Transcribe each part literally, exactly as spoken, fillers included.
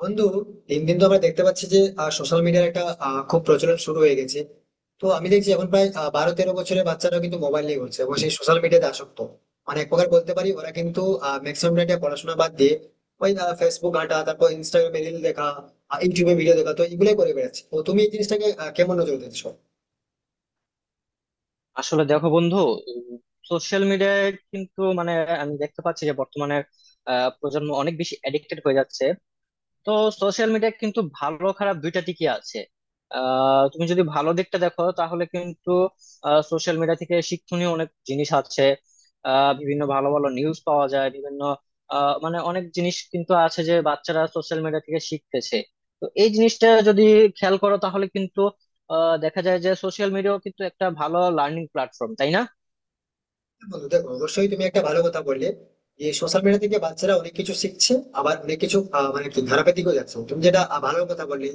বন্ধু, দিন দিন তো আমরা দেখতে পাচ্ছি যে সোশ্যাল মিডিয়ার একটা আহ, খুব প্রচলন শুরু হয়ে গেছে। তো আমি দেখছি এখন প্রায় আহ, বারো তেরো বছরের বাচ্চারাও কিন্তু মোবাইল নিয়ে ঘুরছে এবং সেই সোশ্যাল মিডিয়াতে আসক্ত। মানে এক প্রকার বলতে পারি ওরা কিন্তু ম্যাক্সিমাম টাইমটা পড়াশোনা বাদ দিয়ে ওই ফেসবুক ঘাঁটা, তারপর ইনস্টাগ্রামে রিল দেখা, আহ, ইউটিউবে ভিডিও দেখা, তো এগুলোই করে বেড়াচ্ছে। তো তুমি এই জিনিসটাকে আহ, কেমন নজর দিচ্ছ? আসলে দেখো বন্ধু, সোশ্যাল মিডিয়ায় কিন্তু মানে আমি দেখতে পাচ্ছি যে বর্তমানে আহ, প্রজন্ম অনেক বেশি অ্যাডিক্টেড হয়ে যাচ্ছে। তো সোশ্যাল মিডিয়া কিন্তু ভালো খারাপ দুইটা দিকই আছে। আহ, তুমি যদি ভালো দিকটা দেখো তাহলে কিন্তু সোশ্যাল মিডিয়া থেকে শিক্ষণীয় অনেক জিনিস আছে। আহ, বিভিন্ন ভালো ভালো নিউজ পাওয়া যায় বিভিন্ন আহ, মানে অনেক জিনিস কিন্তু আছে যে বাচ্চারা সোশ্যাল মিডিয়া থেকে শিখতেছে। তো এই জিনিসটা যদি খেয়াল করো তাহলে কিন্তু আহ, দেখা যায় যে সোশ্যাল মিডিয়াও কিন্তু একটা ভালো লার্নিং প্ল্যাটফর্ম, তাই না? বন্ধু দেখো, অবশ্যই তুমি একটা ভালো কথা বললে যে সোশ্যাল মিডিয়া থেকে বাচ্চারা অনেক কিছু শিখছে। আবার অনেক কিছু আহ, মানে কি খারাপের দিকেও যাচ্ছে। তুমি যেটা আহ, ভালো কথা বললে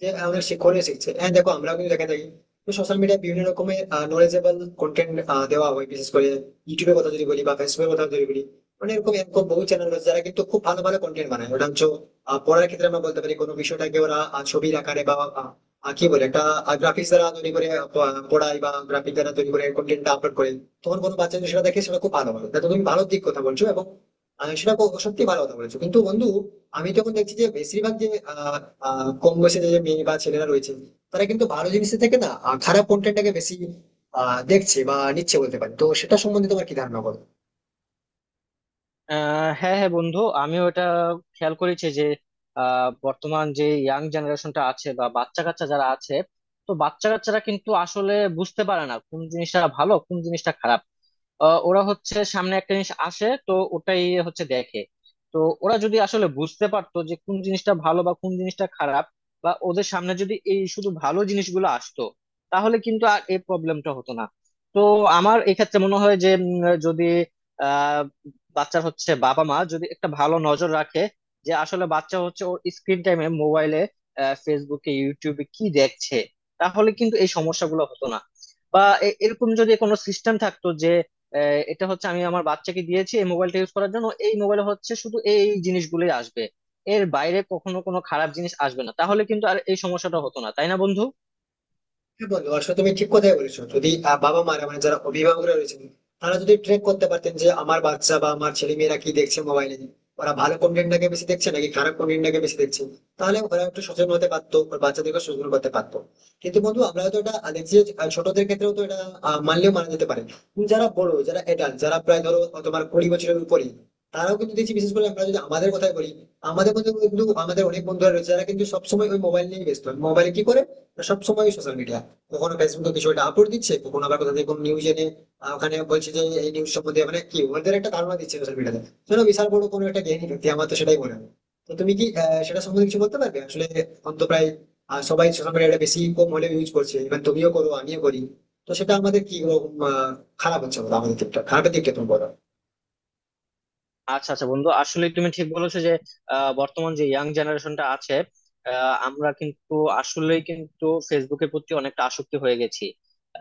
যে আহ, অনেক শিক্ষণীয় শিখছে, হ্যাঁ, দেখো আমরাও কিন্তু দেখে থাকি। তো সোশ্যাল মিডিয়ায় বিভিন্ন রকমের নলেজেবল কন্টেন্ট দেওয়া হয়, বিশেষ করে ইউটিউবের কথা যদি বলি বা ফেসবুকের কথা যদি বলি, অনেক রকম এরকম বহু চ্যানেল রয়েছে যারা কিন্তু খুব ভালো ভালো কন্টেন্ট বানায়। ওটা হচ্ছে আহ, পড়ার ক্ষেত্রে আমরা বলতে পারি কোনো বিষয়টাকে ওরা আহ, ছবির আকারে বা আহ, আহ, কি বলে একটা গ্রাফিক্স দ্বারা তৈরি করে আহ, পড়ায়, বা গ্রাফিক দ্বারা তৈরি করে কন্টেন্টটা আপলোড করে। তখন কোনো বাচ্চা যদি সেটা দেখে সেটা খুব ভালো হবে। তো তুমি ভালো দিক কথা বলছো এবং আহ, সেটা সত্যি ভালো কথা বলেছো। কিন্তু বন্ধু, আমি তখন দেখছি যে বেশিরভাগ যে আহ, আহ, কম বয়সে যে মেয়ে বা ছেলেরা রয়েছে, তারা কিন্তু ভালো জিনিসের থেকে না আহ, খারাপ কন্টেন্টটাকে বেশি আহ, দেখছে বা নিচ্ছে বলতে পারি। তো সেটা সম্বন্ধে তোমার কি ধারণা বলো? আহ হ্যাঁ হ্যাঁ বন্ধু, আমিও এটা খেয়াল করেছি যে আহ, বর্তমান যে ইয়াং জেনারেশনটা আছে বা বাচ্চা কাচ্চা যারা আছে, তো বাচ্চা কাচ্চারা কিন্তু আসলে বুঝতে পারে না কোন জিনিসটা ভালো কোন জিনিসটা খারাপ। আহ, ওরা হচ্ছে সামনে একটা জিনিস আসে তো ওটাই হচ্ছে দেখে। তো ওরা যদি আসলে বুঝতে পারতো যে কোন জিনিসটা ভালো বা কোন জিনিসটা খারাপ, বা ওদের সামনে যদি এই শুধু ভালো জিনিসগুলো আসতো, তাহলে কিন্তু আর এই প্রবলেমটা হতো না। তো আমার এক্ষেত্রে মনে হয় যে উম, যদি আহ বাচ্চার হচ্ছে বাবা মা যদি একটা ভালো নজর রাখে যে আসলে বাচ্চা হচ্ছে ওর স্ক্রিন টাইমে মোবাইলে ফেসবুকে ইউটিউবে কি দেখছে, তাহলে কিন্তু এই সমস্যাগুলো হতো না। বা এ- এরকম যদি কোনো সিস্টেম থাকতো যে আহ, এটা হচ্ছে আমি আমার বাচ্চাকে দিয়েছি এই মোবাইলটা ইউজ করার জন্য, এই মোবাইলে হচ্ছে শুধু এই জিনিসগুলোই আসবে, এর বাইরে কখনো কোনো খারাপ জিনিস আসবে না, তাহলে কিন্তু আর এই সমস্যাটা হতো না, তাই না বন্ধু? হ্যাঁ বন্ধু, আসলে তুমি ঠিক কথাই বলেছো। যদি আহ, বাবা মারা মানে যারা অভিভাবকরা রয়েছেন, তারা যদি ট্র্যাক করতে পারতেন যে আমার বাচ্চা বা আমার ছেলে মেয়েরা কি দেখছে মোবাইলে, ওরা ভালো কন্টেন্টটাকে বেশি দেখছে নাকি খারাপ কন্টেন্টটাকে বেশি দেখছে, তাহলে ওরা একটু সচেতন হতে পারতো, ওর বাচ্চাদেরকে সচেতন করতে পারতো। কিন্তু বন্ধু, আমরা হয়তো এটা দেখছি যে, আহ, ছোটদের ক্ষেত্রেও তো এটা আহ, মানলেও মানা যেতে পারে। কিন্তু যারা বড়, যারা এডাল্ট, যারা প্রায় ধরো আহ, তোমার কুড়ি বছরের উপরে, তারাও কিন্তু দেখছি। বিশেষ করে আমরা যদি আমাদের কথাই বলি, আমাদের মধ্যে কিন্তু আমাদের অনেক বন্ধুরা রয়েছে যারা কিন্তু সবসময় ওই মোবাইল নিয়ে ব্যস্ত। মোবাইলে কি করে? সবসময় সোশ্যাল মিডিয়া। কখনো ফেসবুকে কিছু একটা আপলোড দিচ্ছে, কখনো আবার কোথা থেকে কোনো নিউজ এনে আহ, ওখানে বলছে যে এই নিউজ সম্বন্ধে মানে কি ওদের একটা ধারণা দিচ্ছে সোশ্যাল মিডিয়াতে। শোনো, বিশাল বড় কোনো একটা জ্ঞানী ব্যক্তি, আমার তো সেটাই মনে হয়। তো তুমি কি আহ, সেটা সম্বন্ধে কিছু বলতে পারবে? আসলে এখন তো প্রায় আহ, সবাই সোশ্যাল মিডিয়াটা বেশি কম হলেও ইউজ করছে, ইভেন তুমিও করো আমিও করি। তো সেটা আমাদের কি রকম, আহ, খারাপ হচ্ছে বলো? আমাদের দিকটা, খারাপের দিকটা তুমি বলো। আচ্ছা আচ্ছা বন্ধু, আসলে তুমি ঠিক বলেছো যে আহ, বর্তমান যে ইয়াং জেনারেশনটা আছে, আহ, আমরা কিন্তু আসলেই কিন্তু ফেসবুকের প্রতি অনেকটা আসক্তি হয়ে গেছি।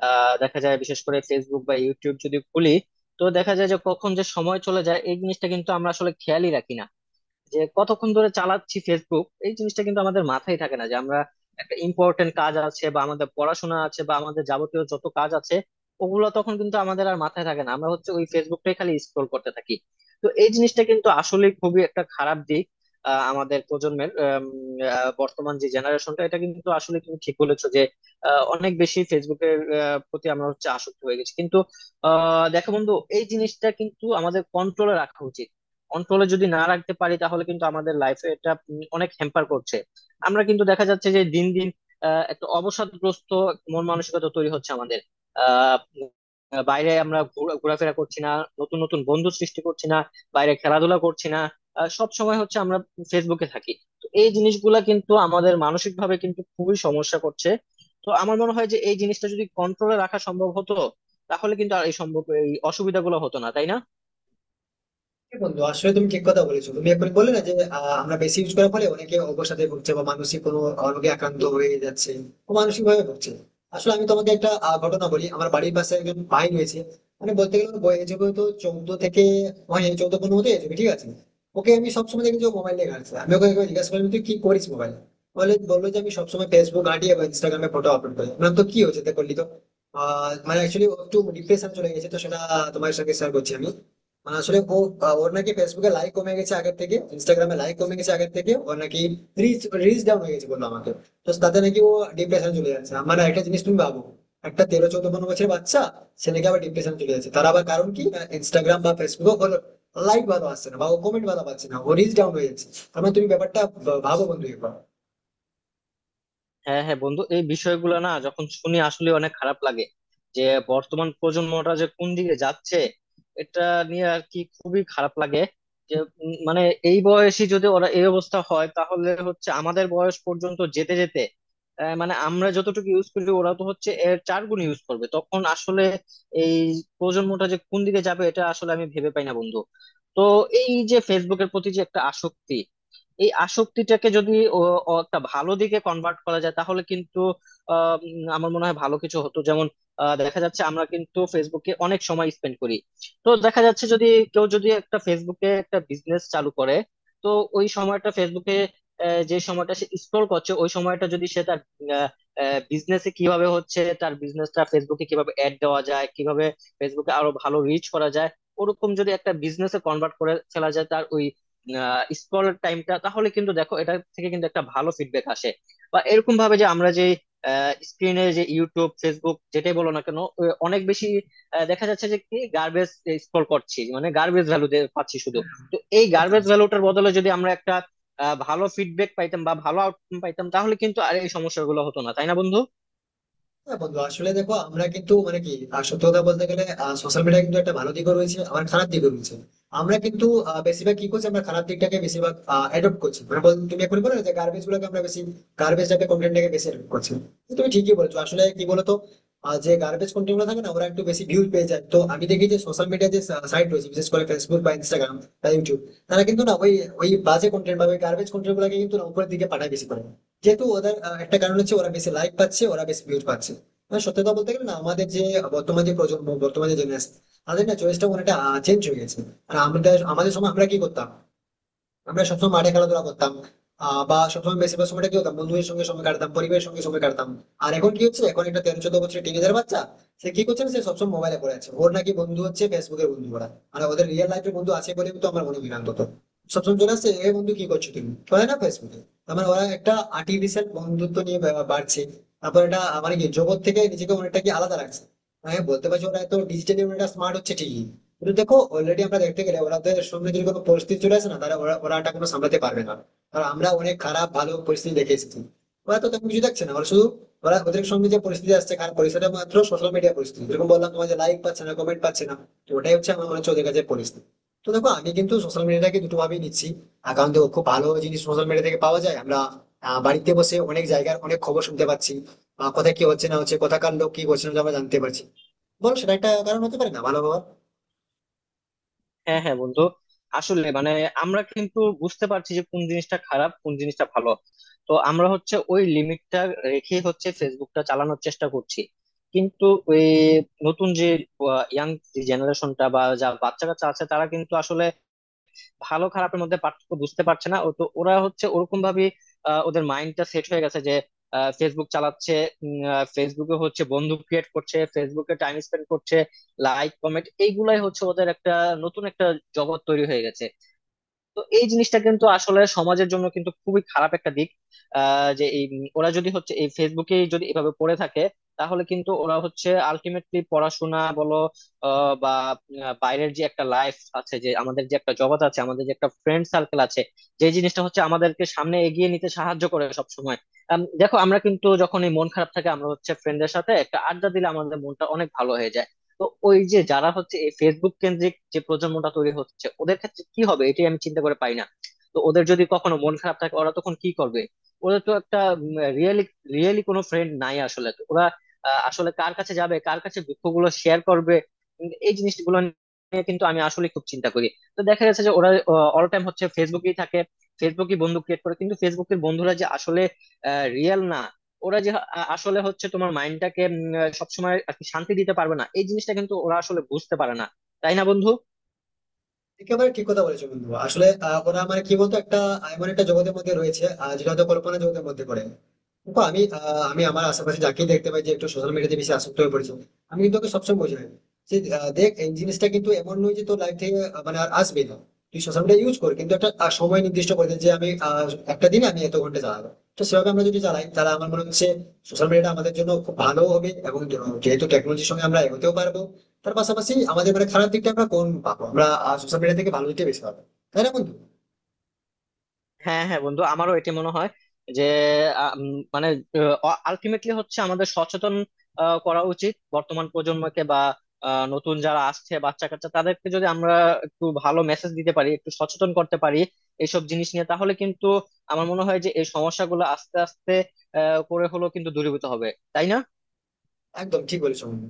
আহ, দেখা যায় বিশেষ করে ফেসবুক বা ইউটিউব যদি খুলি, তো দেখা যায় যে কখন যে সময় চলে যায় এই জিনিসটা কিন্তু আমরা আসলে খেয়ালই রাখি না যে কতক্ষণ ধরে চালাচ্ছি ফেসবুক। এই জিনিসটা কিন্তু আমাদের মাথায় থাকে না যে আমরা একটা ইম্পর্টেন্ট কাজ আছে বা আমাদের পড়াশোনা আছে বা আমাদের যাবতীয় যত কাজ আছে, ওগুলো তখন কিন্তু আমাদের আর মাথায় থাকে না, আমরা হচ্ছে ওই ফেসবুকটাই খালি স্ক্রোল করতে থাকি। তো এই জিনিসটা কিন্তু আসলে খুবই একটা খারাপ দিক আহ, আমাদের প্রজন্মের আম, আহ, বর্তমান যে জেনারেশনটা, এটা কিন্তু আসলে তুমি ঠিক বলেছো যে আহ, অনেক বেশি ফেসবুকের আহ, প্রতি আমরা হচ্ছে আসক্ত হয়ে গেছি। কিন্তু আহ দেখো বন্ধু, এই জিনিসটা কিন্তু আমাদের কন্ট্রোলে রাখা উচিত। কন্ট্রোলে যদি না রাখতে পারি তাহলে কিন্তু আমাদের লাইফে এটা উম অনেক হ্যাম্পার করছে। আমরা কিন্তু দেখা যাচ্ছে যে দিন দিন আহ, একটা অবসাদগ্রস্ত মন মানসিকতা তৈরি হচ্ছে আমাদের। আহ উম, বাইরে আমরা ঘোরা- ঘোরাফেরা করছি না, নতুন নতুন বন্ধু সৃষ্টি করছি না, বাইরে খেলাধুলা করছি না, সব সময় হচ্ছে আমরা ফেসবুকে থাকি। তো এই জিনিসগুলা কিন্তু আমাদের মানসিক ভাবে কিন্তু খুবই সমস্যা করছে। তো আমার মনে হয় যে এই জিনিসটা যদি কন্ট্রোলে রাখা সম্ভব হতো, তাহলে কিন্তু আর এই সম্ভব এই অসুবিধাগুলো হতো না, তাই না? হ্যাঁ বন্ধু, আসলে তুমি ঠিক কথা বলেছো। তুমি এখন বললে না যে আহ, আমরা বেশি ইউজ করার ফলে অনেকে অবসাদে ভুগছে বা মানসিক কোনো রোগে আক্রান্ত হয়ে যাচ্ছে, মানসিক ভাবে ভুগছে। আসলে আমি তোমাকে একটা আহ, ঘটনা বলি। আমার বাড়ির পাশে একজন ভাই রয়েছে, মানে বলতে গেলে ওর বয়স যেগুলো তো চৌদ্দ থেকে, হয় চৌদ্দ পনেরো হতে যাবে, ঠিক আছে? ওকে আমি সবসময় দেখি যে মোবাইল নিয়ে ঘাঁটছে। আমি ওকে একবার জিজ্ঞাসা করলাম, তুই কি করিস মোবাইল? বলে বললো যে আমি সবসময় ফেসবুক ঘাঁটিয়ে বা ইনস্টাগ্রামে ফটো আপলোড করি। বললাম, তো কি হয়েছে তা করলি তো? আহ, মানে অ্যাকচুয়ালি একটু ডিপ্রেশন চলে গেছে, তো সেটা তোমার সঙ্গে শেয়ার করছি আমি। মানে আসলে ও আহ, ওর নাকি ফেসবুকে লাইক কমে গেছে আগের থেকে, ইনস্টাগ্রামে লাইক কমে গেছে আগের থেকে, ওর নাকি রিচ রিচ ডাউন হয়ে গেছে বললো আমাকে। তো তাতে নাকি ও ডিপ্রেশন চলে যাচ্ছে। আমার একটা জিনিস তুমি ভাবো, একটা তেরো চোদ্দ পনেরো বছরের বাচ্চা সে নাকি আবার ডিপ্রেশন চলে যাচ্ছে, তার আবার কারণ কি? ইনস্টাগ্রাম বা ফেসবুকে ওর লাইক ভালো আসছে না বা ও কমেন্ট ভালো পাচ্ছে না, ও রিচ ডাউন হয়ে যাচ্ছে। তার মানে তুমি ব্যাপারটা ভা- ভাবো বন্ধু একবার। হ্যাঁ হ্যাঁ বন্ধু, এই বিষয়গুলো না যখন শুনি আসলে অনেক খারাপ লাগে যে বর্তমান প্রজন্মটা যে কোন দিকে যাচ্ছে, এটা নিয়ে আর কি খুবই খারাপ লাগে। যে উম, মানে এই বয়সে যদি ওরা এই অবস্থা হয় তাহলে হচ্ছে আমাদের বয়স পর্যন্ত যেতে যেতে আহ, মানে আমরা যতটুকু ইউজ করি ওরা তো হচ্ছে এর চার গুণ ইউজ করবে, তখন আসলে এই প্রজন্মটা যে কোন দিকে যাবে এটা আসলে আমি ভেবে পাই না বন্ধু। তো এই যে ফেসবুকের প্রতি যে একটা আসক্তি, এই আসক্তিটাকে যদি ও ও একটা ভালো দিকে কনভার্ট করা যায়, তাহলে কিন্তু আহ, উম, আমার মনে হয় ভালো কিছু হতো। যেমন আহ, দেখা যাচ্ছে আমরা কিন্তু ফেসবুকে অনেক সময় স্পেন্ড করি। তো দেখা যাচ্ছে যদি কেউ যদি একটা ফেসবুকে একটা বিজনেস চালু করে, তো ওই সময়টা ফেসবুকে আহ, যে সময়টা সে স্ক্রল করছে, ওই সময়টা যদি সে তার বিজনেসে কিভাবে হচ্ছে তার বিজনেসটা ফেসবুকে কিভাবে অ্যাড দেওয়া যায়, কিভাবে ফেসবুকে আরো ভালো রিচ করা যায়, ওরকম যদি একটা বিজনেসে কনভার্ট করে ফেলা যায় তার ওই স্ক্রল টাইমটা, তাহলে কিন্তু দেখো এটা থেকে কিন্তু একটা ভালো ফিডব্যাক আসে। বা এরকম ভাবে যে আমরা যে স্ক্রিনে যে ইউটিউব ফেসবুক যেটাই বলো না কেন, ও অনেক বেশি আহ, দেখা যাচ্ছে যে কি গার্বেজ স্ক্রল করছি, মানে গার্বেজ ভ্যালু পাচ্ছি শুধু। তো এই বুঝতে গার্বেজ পারছো? ভ্যালুটার বদলে যদি আমরা একটা আহ, ভালো ফিডব্যাক পাইতাম বা ভালো আউটকাম পাইতাম, তাহলে কিন্তু আর এই সমস্যাগুলো হতো না, তাই না বন্ধু? হ্যাঁ বন্ধু, আসলে দেখো আমরা কিন্তু মানে কি আহ, সত্যি কথা বলতে গেলে সোশ্যাল মিডিয়া কিন্তু একটা ভালো দিকও রয়েছে আবার খারাপ দিকও রয়েছে। আমরা কিন্তু আহ, বেশিরভাগ কি করছি? আমরা খারাপ দিকটাকে বেশিরভাগ অ্যাডপ্ট করছি। মানে বল- তুমি এখন বলো না যে গার্বেজ গুলোকে আমরা বেশি গার্বেজ টাইপের কন্টেন্টটাকে বেশি অ্যাডপ্ট করছি। তো তুমি ঠিকই বলছো। আসলে কি বলতো, আহ, যে গার্বেজ কন্টেন্ট গুলো থাকে না ওরা একটু বেশি ভিউজ পেয়ে যায়। তো আমি দেখি যে সোশ্যাল মিডিয়া যে সাইট রয়েছে, বিশেষ করে ফেসবুক বা ইনস্টাগ্রাম বা ইউটিউব, তারা কিন্তু না ওই ওই বাজে কন্টেন্ট বা ওই গার্বেজ কন্টেন্ট গুলোকে কিন্তু না উপরের দিকে পাঠায় বেশি করে। যেহেতু ওদের আহ, একটা কারণ হচ্ছে ওরা বেশি লাইক পাচ্ছে, ওরা বেশি ভিউজ পাচ্ছে। না, সত্যি কথা বলতে গেলে, না আমাদের যে বর্তমান যে প্রজন্ম বর্তমান যে জেনারেশন, তাদের না চয়েসটা অনেকটা চেঞ্জ হয়ে গেছে। আর আমাদের আমাদের সময় আমরা কি করতাম? আমরা সবসময় মাঠে খেলাধুলা করতাম। আহ বা সবসময় বেশিরভাগ সময়টা কি হতাম, বন্ধুদের সঙ্গে সময় কাটতাম, পরিবারের সঙ্গে সময় কাটতাম। আর এখন কি হচ্ছে? এখন একটা তেরো চোদ্দ বছরের টিনেজার বাচ্চা, সে কি করছে না, সে সবসময় মোবাইলে পড়ে আছে। ওর নাকি বন্ধু হচ্ছে ফেসবুকের বন্ধু ওরা। আর ওদের রিয়েল লাইফের বন্ধু আছে বলে তো আমার মনে হয় না অন্তত। সবসময় চলে আসছে, এ বন্ধু কি করছো তুমি, বলে না ফেসবুকে। তার মানে ওরা একটা আর্টিফিশিয়াল বন্ধুত্ব নিয়ে বা- বাড়ছে। তারপর এটা মানে কি জগৎ থেকে নিজেকে অনেকটা কি আলাদা রাখছে। হ্যাঁ বলতে পারছি ওরা এত ডিজিটালি অনেকটা স্মার্ট হচ্ছে ঠিকই, কিন্তু দেখো অলরেডি আমরা দেখতে গেলে ওনাদের সঙ্গে যদি কোনো পরিস্থিতি চলে আসে না, তারা ওরা ওরা এটা কোনো সামলাতে পারবে না। কারণ আমরা অনেক খারাপ ভালো পরিস্থিতি দেখে এসেছি, ওরা তো তেমন কিছু দেখছে না। ওরা শুধু ওরা ওদের সঙ্গে যে পরিস্থিতি আসছে খারাপ পরিস্থিতি, মাত্র সোশ্যাল মিডিয়া পরিস্থিতি, যেরকম বললাম তোমার যে লাইক পাচ্ছে না কমেন্ট পাচ্ছে না। তো ওটাই হচ্ছে আমার মনে হচ্ছে ওদের কাছে পরিস্থিতি। তো দেখো আমি কিন্তু সোশ্যাল মিডিয়াটাকে দুটো ভাবেই নিচ্ছি। আর কারণ দেখো খুব ভালো জিনিস সোশ্যাল মিডিয়া থেকে পাওয়া যায়। আমরা আহ, বাড়িতে বসে অনেক জায়গার অনেক খবর শুনতে পাচ্ছি বা কোথায় কি হচ্ছে না হচ্ছে, কোথাকার লোক কি করছে না করছে, আমরা জানতে পারছি। বল সেটা একটা কারণ হতে পারে না ভালো হওয়ার? হ্যাঁ হ্যাঁ বন্ধু, আসলে মানে আমরা কিন্তু বুঝতে পারছি যে কোন জিনিসটা খারাপ কোন জিনিসটা ভালো। তো আমরা হচ্ছে ওই লিমিটটা রেখে হচ্ছে ফেসবুকটা চালানোর চেষ্টা করছি। কিন্তু ওই নতুন যে ইয়াং জেনারেশনটা বা যা বাচ্চা কাচ্চা আছে তারা কিন্তু আসলে ভালো খারাপের মধ্যে পার্থক্য বুঝতে পারছে না। ও তো ওরা হচ্ছে ওরকম ভাবে ওদের মাইন্ডটা সেট হয়ে গেছে যে ফেসবুক চালাচ্ছে, ফেসবুকে হচ্ছে বন্ধু ক্রিয়েট করছে, ফেসবুকে টাইম স্পেন্ড করছে, লাইক কমেন্ট এইগুলাই হচ্ছে ওদের একটা নতুন একটা জগৎ তৈরি হয়ে গেছে। তো এই জিনিসটা কিন্তু আসলে সমাজের জন্য কিন্তু খুবই খারাপ একটা দিক। আহ, যে এই উম ওরা যদি হচ্ছে এই ফেসবুকে যদি এভাবে পড়ে থাকে, তাহলে কিন্তু ওরা হচ্ছে আলটিমেটলি পড়াশোনা বলো আহ, বা আহ, বাইরের যে একটা লাইফ আছে, যে আমাদের যে একটা জগৎ আছে, আমাদের যে একটা ফ্রেন্ড সার্কেল আছে, যে জিনিসটা হচ্ছে আমাদেরকে সামনে এগিয়ে নিতে সাহায্য করে সব সময়। দেখো আমরা কিন্তু যখন এই মন খারাপ থাকে আমরা হচ্ছে ফ্রেন্ডদের সাথে একটা আড্ডা দিলে আমাদের মনটা অনেক ভালো হয়ে যায়। তো ওই যে যারা হচ্ছে এই ফেসবুক কেন্দ্রিক যে প্রজন্মটা তৈরি হচ্ছে ওদের ক্ষেত্রে কি হবে এটাই আমি চিন্তা করে পাই না। তো ওদের যদি কখনো মন খারাপ থাকে ওরা তখন কি করবে? ওদের তো একটা রিয়েলি রিয়েলি কোনো ফ্রেন্ড নাই আসলে, তো ওরা আহ, আসলে কার কাছে যাবে, কার কাছে দুঃখগুলো শেয়ার করবে? উম, এই জিনিসগুলো নিয়ে কিন্তু আমি আসলে খুব চিন্তা করি। তো দেখা গেছে যে ওরা অল টাইম হচ্ছে ফেসবুকেই থাকে, ফেসবুকই বন্ধু ক্রিয়েট করে, কিন্তু ফেসবুকের বন্ধুরা যে আসলে রিয়েল না, ওরা যে আ- আসলে হচ্ছে তোমার মাইন্ডটাকে সবসময় আর কি শান্তি দিতে পারবে না, এই জিনিসটা কিন্তু ওরা আসলে বুঝতে পারে না, তাই না বন্ধু? একেবারে ঠিক কথা বলেছো বন্ধু। আসলে আহ, ওরা মানে কি বলতো, একটা এমন একটা জগতের মধ্যে রয়েছে আহ, যেটা হয়তো কল্পনা জগতের মধ্যে পড়ে। দেখো, আমি আহ, আমি আমার আশেপাশে যাকেই দেখতে পাই যে একটু সোশ্যাল মিডিয়াতে বেশি আসক্ত হয়ে পড়েছে, আমি কিন্তু ওকে সবসময় বোঝাই যে আহ, দেখ এই জিনিসটা কিন্তু এমন নয় যে তোর লাইফ থেকে আহ, মানে আর আসবে না। তুই সোশ্যাল মিডিয়া ইউজ কর, কিন্তু একটা আহ, সময় নির্দিষ্ট করে দে যে আমি আহ, একটা দিন আমি এত ঘন্টা চালাবো। তো সেভাবে আমরা যদি চালাই তাহলে আমার মনে হচ্ছে সোশ্যাল মিডিয়াটা আমাদের জন্য খুব ভালো হবে এবং যেহেতু টেকনোলজির সঙ্গে আমরা এগোতেও পারবো, তার পাশাপাশি আমাদের মানে খারাপ দিকটা আমরা কোন পাবো, আমরা সোশ্যাল মিডিয়া থেকে ভালো দিকটা বেশি পাবো। তাই না বন্ধু? হ্যাঁ হ্যাঁ বন্ধু, আমারও এটা মনে হয় যে আ, উম, মানে আলটিমেটলি হচ্ছে আমাদের সচেতন আ, করা উচিত বর্তমান প্রজন্মকে, বা আ, নতুন যারা আসছে বাচ্চা কাচ্চা তাদেরকে যদি আমরা একটু ভালো মেসেজ দিতে পারি, একটু সচেতন করতে পারি এইসব জিনিস নিয়ে, তাহলে কিন্তু আমার মনে হয় যে এই সমস্যাগুলো আস্তে আস্তে আ, করে হলেও কিন্তু দূরীভূত হবে, তাই না? একদম ঠিক বলেছো বন্ধু।